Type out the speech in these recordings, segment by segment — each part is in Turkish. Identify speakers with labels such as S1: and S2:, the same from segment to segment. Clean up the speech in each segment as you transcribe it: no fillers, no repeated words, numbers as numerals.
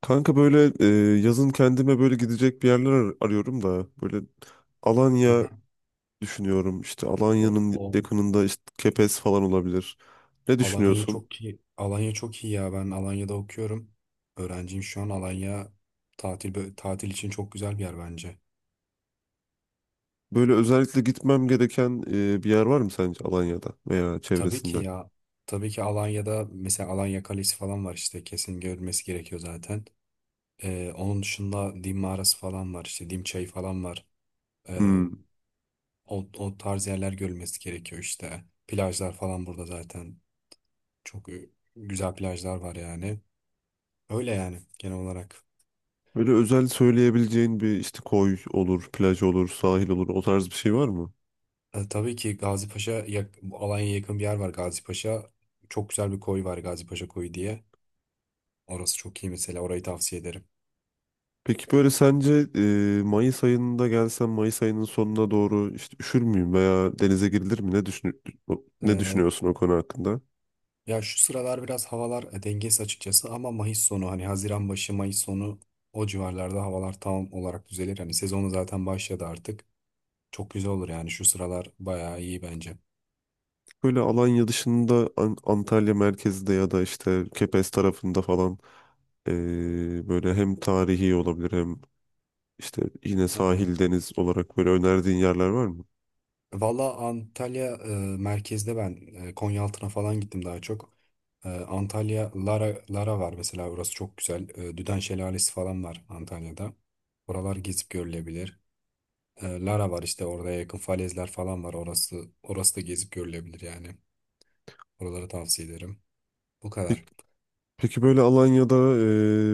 S1: Kanka böyle, yazın kendime böyle gidecek bir yerler arıyorum da böyle
S2: Hı
S1: Alanya
S2: hı.
S1: düşünüyorum. İşte
S2: O,
S1: Alanya'nın
S2: o.
S1: yakınında işte Kepez falan olabilir. Ne
S2: Alanya
S1: düşünüyorsun?
S2: çok iyi. Alanya çok iyi ya. Ben Alanya'da okuyorum. Öğrenciyim şu an. Alanya tatil için çok güzel bir yer bence.
S1: Böyle özellikle gitmem gereken bir yer var mı sence Alanya'da veya
S2: Tabii ki
S1: çevresinde?
S2: ya. Tabii ki Alanya'da mesela Alanya Kalesi falan var işte. Kesin görülmesi gerekiyor zaten. Onun dışında Dim Mağarası falan var. İşte Dim Çayı falan var.
S1: Hmm.
S2: O, o tarz yerler görülmesi gerekiyor işte. Plajlar falan burada zaten. Çok e, güzel plajlar var yani. Öyle yani genel olarak.
S1: Böyle özel söyleyebileceğin bir işte koy olur, plaj olur, sahil olur o tarz bir şey var mı?
S2: Tabii ki bu Alanya'ya yakın bir yer var, Gazipaşa. Çok güzel bir koy var, Gazipaşa Koyu diye. Orası çok iyi, mesela orayı tavsiye ederim.
S1: Peki böyle sence Mayıs ayında gelsem Mayıs ayının sonuna doğru işte üşür müyüm veya denize girilir mi? Ne
S2: E,
S1: düşünüyorsun o konu hakkında?
S2: Ya şu sıralar biraz havalar dengesiz açıkçası, ama Mayıs sonu, hani Haziran başı, Mayıs sonu, o civarlarda havalar tam olarak düzelir. Hani sezonu zaten başladı artık. Çok güzel olur yani, şu sıralar bayağı iyi bence.
S1: Böyle Alanya dışında Antalya merkezde ya da işte Kepez tarafında falan, böyle hem tarihi olabilir hem işte yine
S2: Ha.
S1: sahil deniz olarak böyle önerdiğin yerler var mı?
S2: Valla Antalya merkezde ben Konyaaltı'na falan gittim daha çok. Antalya Lara, Lara var mesela, orası çok güzel. Düden Şelalesi falan var Antalya'da. Oralar gezip görülebilir. Lara var işte, orada yakın falezler falan var. Orası da gezip görülebilir yani. Oraları tavsiye ederim. Bu kadar.
S1: Peki, peki böyle Alanya'da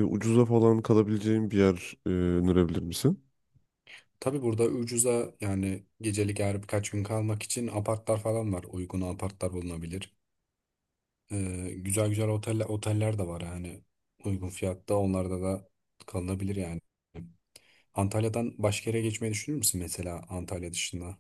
S1: ucuza falan kalabileceğim bir yer önerebilir misin?
S2: Tabii burada ucuza, yani gecelik, eğer birkaç gün kalmak için apartlar falan var. Uygun apartlar bulunabilir. E, oteller de var yani. Uygun fiyatta onlarda da kalınabilir yani. Antalya'dan başka yere geçmeyi düşünür müsün mesela, Antalya dışında?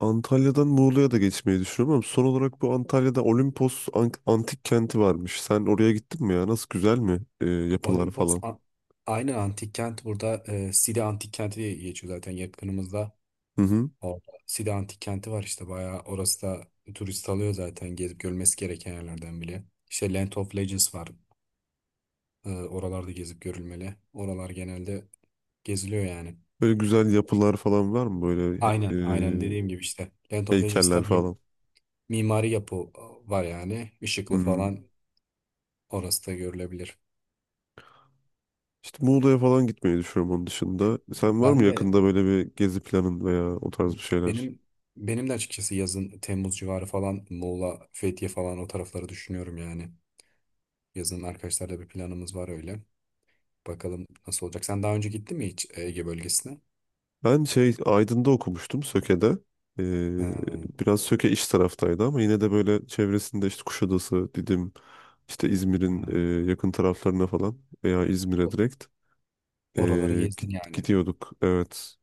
S1: Antalya'dan Muğla'ya da geçmeyi düşünüyorum ama son olarak bu Antalya'da Olimpos Antik Kenti varmış. Sen oraya gittin mi ya? Nasıl, güzel mi yapılar
S2: Olimpos
S1: falan?
S2: a- Aynı antik kent burada, Side Antik Kenti diye geçiyor zaten, yakınımızda.
S1: Hı hı.
S2: Orada Side Antik Kenti var işte, bayağı orası da turist alıyor zaten, gezip görülmesi gereken yerlerden bile. İşte Land of Legends var. Oralarda gezip görülmeli. Oralar genelde geziliyor yani.
S1: Böyle güzel yapılar falan var mı? Böyle
S2: Aynen, aynen,
S1: e,
S2: dediğim gibi işte Land of Legends'ta
S1: heykeller
S2: mim-
S1: falan.
S2: mimari yapı e, var yani. Işıklı
S1: Hmm.
S2: falan, orası da görülebilir.
S1: İşte Muğla'ya falan gitmeyi düşünüyorum onun dışında. Sen var mı
S2: Ben de
S1: yakında böyle bir gezi planın veya o tarz bir şeyler?
S2: benim benim de açıkçası yazın Temmuz civarı falan Muğla, Fethiye falan o tarafları düşünüyorum yani. Yazın arkadaşlarla bir planımız var öyle. Bakalım nasıl olacak. Sen daha önce gittin mi hiç Ege bölgesine?
S1: Ben şey Aydın'da okumuştum, Söke'de. E,
S2: Ha,
S1: Biraz Söke iş taraftaydı ama yine de böyle çevresinde işte Kuşadası, Didim, İşte
S2: ha.
S1: İzmir'in yakın taraflarına falan veya İzmir'e
S2: O-
S1: direkt, e,
S2: Oraları gezdin yani.
S1: gidiyorduk. Evet.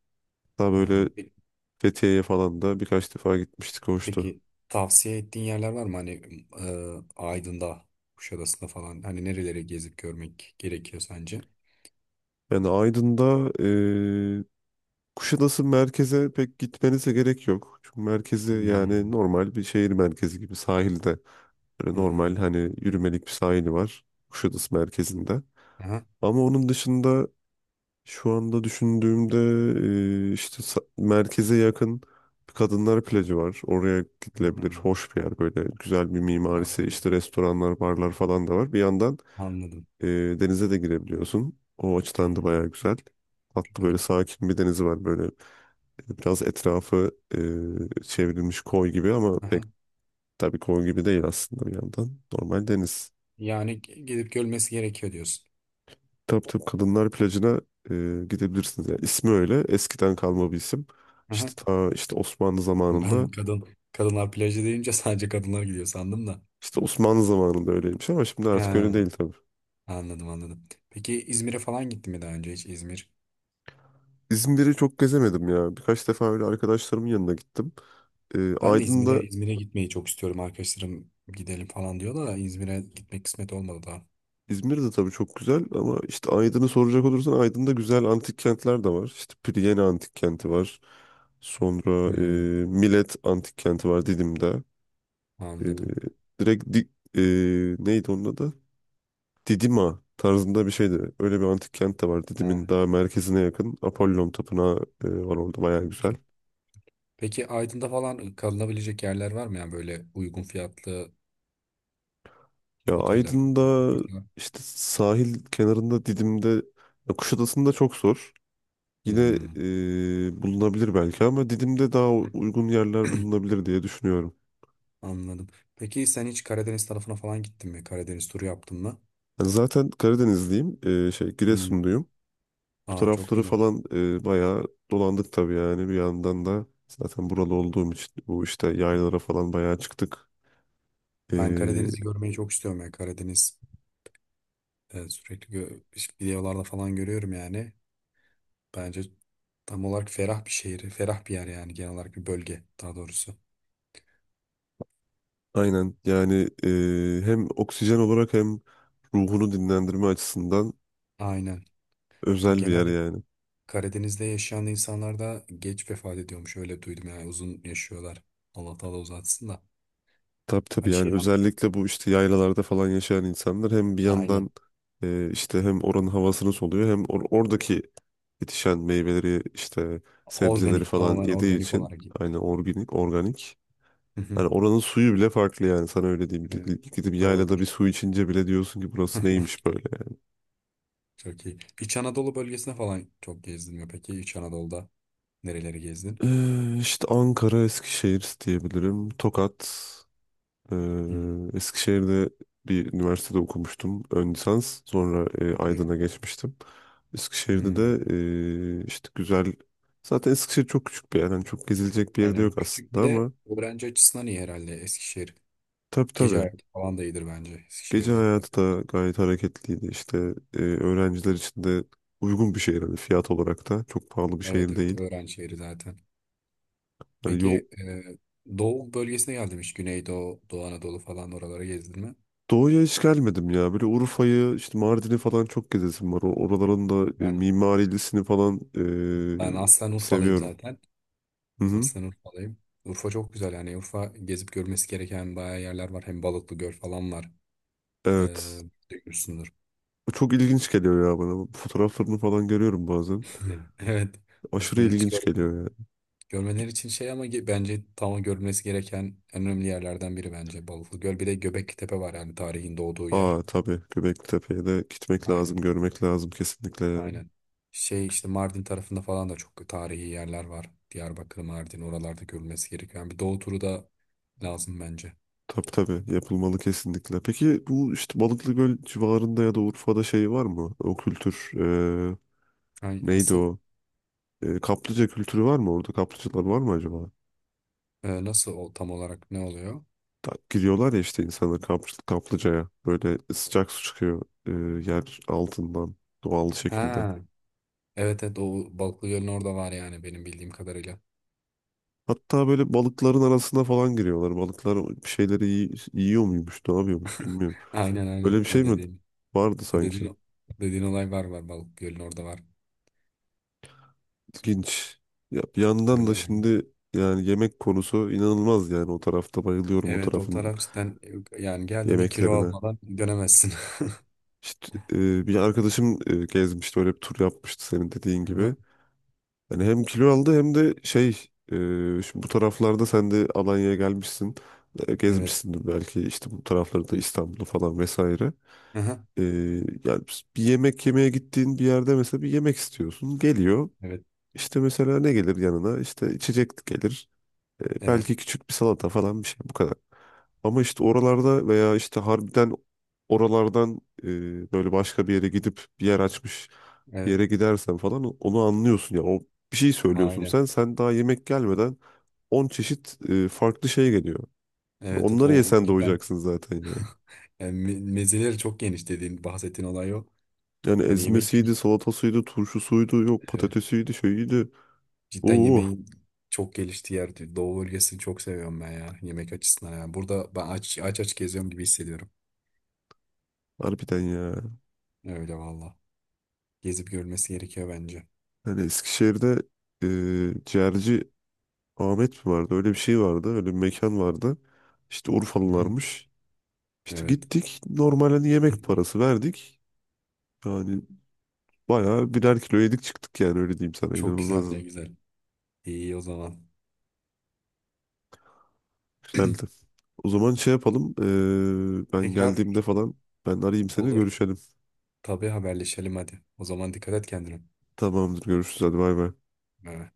S1: Daha
S2: Ha,
S1: böyle
S2: pe-
S1: Fethiye'ye falan da birkaç defa gitmiştik. Hoştu.
S2: Peki, tavsiye ettiğin yerler var mı? Hani Aydın'da, Kuşadası'nda falan. Hani nereleri gezip görmek gerekiyor sence?
S1: Yani Aydın'da, e, Kuşadası merkeze pek gitmenize gerek yok. Çünkü merkezi yani
S2: Hmm,
S1: normal bir şehir merkezi gibi sahilde. Böyle
S2: hmm,
S1: normal hani yürümelik bir sahili var Kuşadası merkezinde.
S2: aha,
S1: Ama onun dışında, şu anda düşündüğümde, işte merkeze yakın bir kadınlar plajı var. Oraya gidilebilir.
S2: hmm,
S1: Hoş bir yer böyle. Güzel bir mimarisi.
S2: anladım.
S1: İşte restoranlar, barlar falan da var. Bir yandan
S2: Anladım.
S1: e, denize de girebiliyorsun. O açıdan da
S2: Hmm,
S1: bayağı güzel. Tatlı
S2: güzel.
S1: böyle sakin bir denizi var. Böyle biraz etrafı çevrilmiş koy gibi ama pek,
S2: Aha.
S1: tabii koy gibi değil aslında bir yandan. Normal deniz.
S2: Gidip görmesi gerekiyor diyorsun.
S1: Tabii tabii, kadınlar plajına gidebilirsiniz. Yani ismi öyle eskiden kalma bir isim. İşte
S2: Aha.
S1: ta işte Osmanlı zamanında
S2: Ben kadın Kadınlar plajı deyince sadece kadınlar gidiyor sandım da.
S1: işte Osmanlı zamanında öyleymiş ama şimdi artık öyle
S2: Ha.
S1: değil tabii.
S2: Anladım, anladım. Peki İzmir'e falan gittin mi daha önce hiç, İzmir?
S1: İzmir'i çok gezemedim ya. Birkaç defa öyle arkadaşlarımın yanına gittim.
S2: Ben de
S1: Aydın'da,
S2: İzmir'e gitmeyi çok istiyorum. Arkadaşlarım gidelim falan diyor da İzmir'e gitmek kısmet olmadı daha.
S1: İzmir de tabii çok güzel ama işte Aydın'ı soracak olursan Aydın'da güzel antik kentler de var. İşte Piriyeni antik kenti var. Sonra
S2: Hmm,
S1: Milet antik kenti var Didim'de. E,
S2: anladım.
S1: direkt di- e, Neydi onun adı? Didima tarzında bir şeydi. Öyle bir antik kent de var. Didim'in
S2: Ha,
S1: daha merkezine yakın. Apollon Tapınağı var orada, bayağı güzel.
S2: çok- Peki Aydın'da falan kalınabilecek yerler var mı? Yani böyle uygun fiyatlı
S1: Ya
S2: oteller falan.
S1: Aydın'da işte sahil kenarında, Didim'de ya Kuşadası'nda çok zor. Yine
S2: Hmm.
S1: bulunabilir belki ama Didim'de daha uygun yerler bulunabilir diye düşünüyorum.
S2: Anladım. Peki sen hiç Karadeniz tarafına falan gittin mi? Karadeniz turu yaptın mı?
S1: Yani zaten Karadenizliyim. Şey,
S2: Hmm.
S1: Giresunluyum. Bu
S2: Aa, çok
S1: tarafları
S2: güzel.
S1: falan bayağı dolandık tabii yani, bir yandan da zaten buralı olduğum için bu işte yaylalara falan bayağı çıktık.
S2: Ben
S1: E,
S2: Karadeniz'i görmeyi çok istiyorum ya. Karadeniz evet, işte videolarda falan görüyorum yani. Bence tam olarak ferah bir şehir, ferah bir yer yani, genel olarak bir bölge daha doğrusu.
S1: Aynen yani, hem oksijen olarak hem ruhunu dinlendirme açısından
S2: Aynen.
S1: özel bir yer
S2: Genelde
S1: yani.
S2: Karadeniz'de yaşayan insanlar da geç vefat ediyormuş, öyle duydum yani, uzun yaşıyorlar. Allah Teala uzatsın da.
S1: Tabii tabii
S2: Hani
S1: yani,
S2: şeyden,
S1: özellikle bu işte yaylalarda falan yaşayan insanlar hem bir yandan
S2: aynen,
S1: işte hem oranın havasını soluyor hem oradaki yetişen meyveleri işte sebzeleri
S2: organik,
S1: falan
S2: tamamen
S1: yediği
S2: organik
S1: için
S2: olarak.
S1: aynı organik organik.
S2: Hı hı.
S1: Hani oranın suyu bile farklı yani, sana öyle diyeyim.
S2: Evet,
S1: Gidip yaylada bir
S2: doğrudur.
S1: su içince bile diyorsun ki burası neymiş böyle.
S2: Çok iyi. İç Anadolu bölgesine falan çok gezdin mi peki? İç Anadolu'da nereleri gezdin?
S1: İşte Ankara, Eskişehir diyebilirim. Tokat.
S2: Hmm,
S1: Eskişehir'de bir üniversitede okumuştum. Ön lisans. Sonra
S2: çok iyi.
S1: Aydın'a geçmiştim. Eskişehir'de de
S2: Hmm.
S1: işte güzel... Zaten Eskişehir çok küçük bir yer. Yani çok gezilecek bir yerde yok
S2: Aynen. Küçük
S1: aslında
S2: bir de
S1: ama...
S2: öğrenci açısından iyi herhalde Eskişehir.
S1: Tabii
S2: Gece
S1: tabii.
S2: hayatı falan da iyidir bence
S1: Gece
S2: Eskişehir'de.
S1: hayatı da gayet hareketliydi. İşte öğrenciler için de uygun bir şehir. Hani fiyat olarak da çok pahalı bir
S2: Evet,
S1: şehir
S2: evet,
S1: değil.
S2: öğrenci şehri zaten.
S1: Hani yol.
S2: Peki Doğu bölgesine geldim hiç. Güneydoğu, Doğu Anadolu falan oralara gezdin mi?
S1: Doğuya hiç gelmedim ya. Böyle Urfa'yı, işte Mardin'i falan çok gezesim var. Oraların da
S2: Ben,
S1: mimarilisini falan
S2: Ben aslen Urfalıyım
S1: seviyorum.
S2: zaten.
S1: Hı hı.
S2: Aslen Urfalıyım. Urfa çok güzel yani. Urfa gezip görmesi gereken bayağı yerler var. Hem Balıklı Göl falan var. E,
S1: Evet.
S2: Duymuşsundur.
S1: Bu çok ilginç geliyor ya bana. Bu fotoğraflarını falan görüyorum bazen.
S2: Evet.
S1: Aşırı
S2: Aslında hiç
S1: ilginç
S2: görmedim.
S1: geliyor yani.
S2: Görmeleri için şey ama ge- Bence tam görülmesi gereken en önemli yerlerden biri bence Balıklı Göl. Bir de Göbekli var yani, tarihin doğduğu yer.
S1: Aa tabii, Göbeklitepe'ye de gitmek lazım,
S2: Aynen,
S1: görmek lazım kesinlikle yani.
S2: aynen. Şey, işte Mardin tarafında falan da çok tarihi yerler var. Diyarbakır, Mardin, oralarda görülmesi gerekiyor. Yani bir doğu turu da lazım bence.
S1: Tabii tabii yapılmalı kesinlikle. Peki bu işte Balıklıgöl civarında ya da Urfa'da şey var mı? O kültür, e,
S2: Ay,
S1: neydi
S2: nasıl?
S1: o? Kaplıca kültürü var mı orada? Kaplıcalar var mı acaba?
S2: Nasıl o, tam olarak ne oluyor?
S1: Giriyorlar ya işte insanlar kaplıcaya. Böyle sıcak su çıkıyor yer altından doğal şekilde.
S2: Ha, evet, evet, o Balıklı Göl'ün orada var yani, benim bildiğim kadarıyla.
S1: Hatta böyle balıkların arasına falan giriyorlar. Balıklar bir şeyleri yiyor muymuş, ne yapıyormuş bilmiyorum.
S2: Aynen,
S1: Öyle
S2: aynen
S1: bir şey
S2: o
S1: mi
S2: dediğin.
S1: vardı
S2: O
S1: sanki?
S2: dediğin, Dediğin olay var, var Balıklı Göl'ün orada, var.
S1: İlginç. Ya bir yandan
S2: Öyle
S1: da
S2: yani.
S1: şimdi yani yemek konusu inanılmaz yani, o tarafta bayılıyorum o
S2: Evet, o
S1: tarafın
S2: taraf cidden yani geldiğinde kilo
S1: yemeklerine.
S2: almadan dönemezsin.
S1: İşte bir arkadaşım gezmişti, öyle bir tur yapmıştı senin dediğin gibi.
S2: Aha,
S1: Yani hem kilo aldı hem de şey, e, şimdi bu taraflarda sen de Alanya'ya gelmişsin.
S2: evet.
S1: Gezmişsindir belki işte bu taraflarda İstanbul'u falan vesaire.
S2: Aha,
S1: E, Yani bir yemek yemeye gittiğin bir yerde mesela bir yemek istiyorsun. Geliyor.
S2: evet.
S1: İşte mesela ne gelir yanına? İşte içecek gelir.
S2: Evet.
S1: Belki küçük bir salata falan, bir şey, bu kadar. Ama işte oralarda veya işte harbiden oralardan, böyle başka bir yere gidip bir yer açmış bir
S2: Evet.
S1: yere gidersen falan onu anlıyorsun ya. Bir şey söylüyorsun,
S2: Aynen.
S1: sen daha yemek gelmeden 10 çeşit farklı şey geliyor.
S2: Evet, evet.
S1: Onları
S2: O
S1: yesen
S2: cidden
S1: doyacaksın zaten yani.
S2: yani, mezeleri çok geniş, dediğin, bahsettiğin olay o.
S1: Yani
S2: Hani yemek kült-
S1: ezmesiydi, salatasıydı, turşusuydu, yok
S2: evet.
S1: patatesiydi, şeyiydi.
S2: Cidden
S1: Oo,
S2: yemeğin çok geliştiği yer. Doğu bölgesini çok seviyorum ben ya. Yemek açısından yani. Burada ben aç geziyorum gibi hissediyorum.
S1: harbiden ya.
S2: Öyle valla. Gezip görmesi gerekiyor bence.
S1: Yani Eskişehir'de e, ciğerci Ahmet mi vardı? Öyle bir şey vardı. Öyle bir mekan vardı. İşte
S2: Hı hı.
S1: Urfalılarmış. İşte
S2: Evet.
S1: gittik, normalde yemek parası verdik. Yani bayağı birer kilo yedik çıktık yani, öyle diyeyim sana,
S2: Çok güzel, ne
S1: inanılmazdı.
S2: güzel. İyi o zaman.
S1: Güzeldi. O zaman şey yapalım, ben
S2: Tekrar
S1: geldiğimde falan ben arayayım, seni
S2: olur.
S1: görüşelim.
S2: Tabii, haberleşelim hadi. O zaman dikkat et kendine.
S1: Tamamdır, görüşürüz, hadi bay bay.
S2: Ee,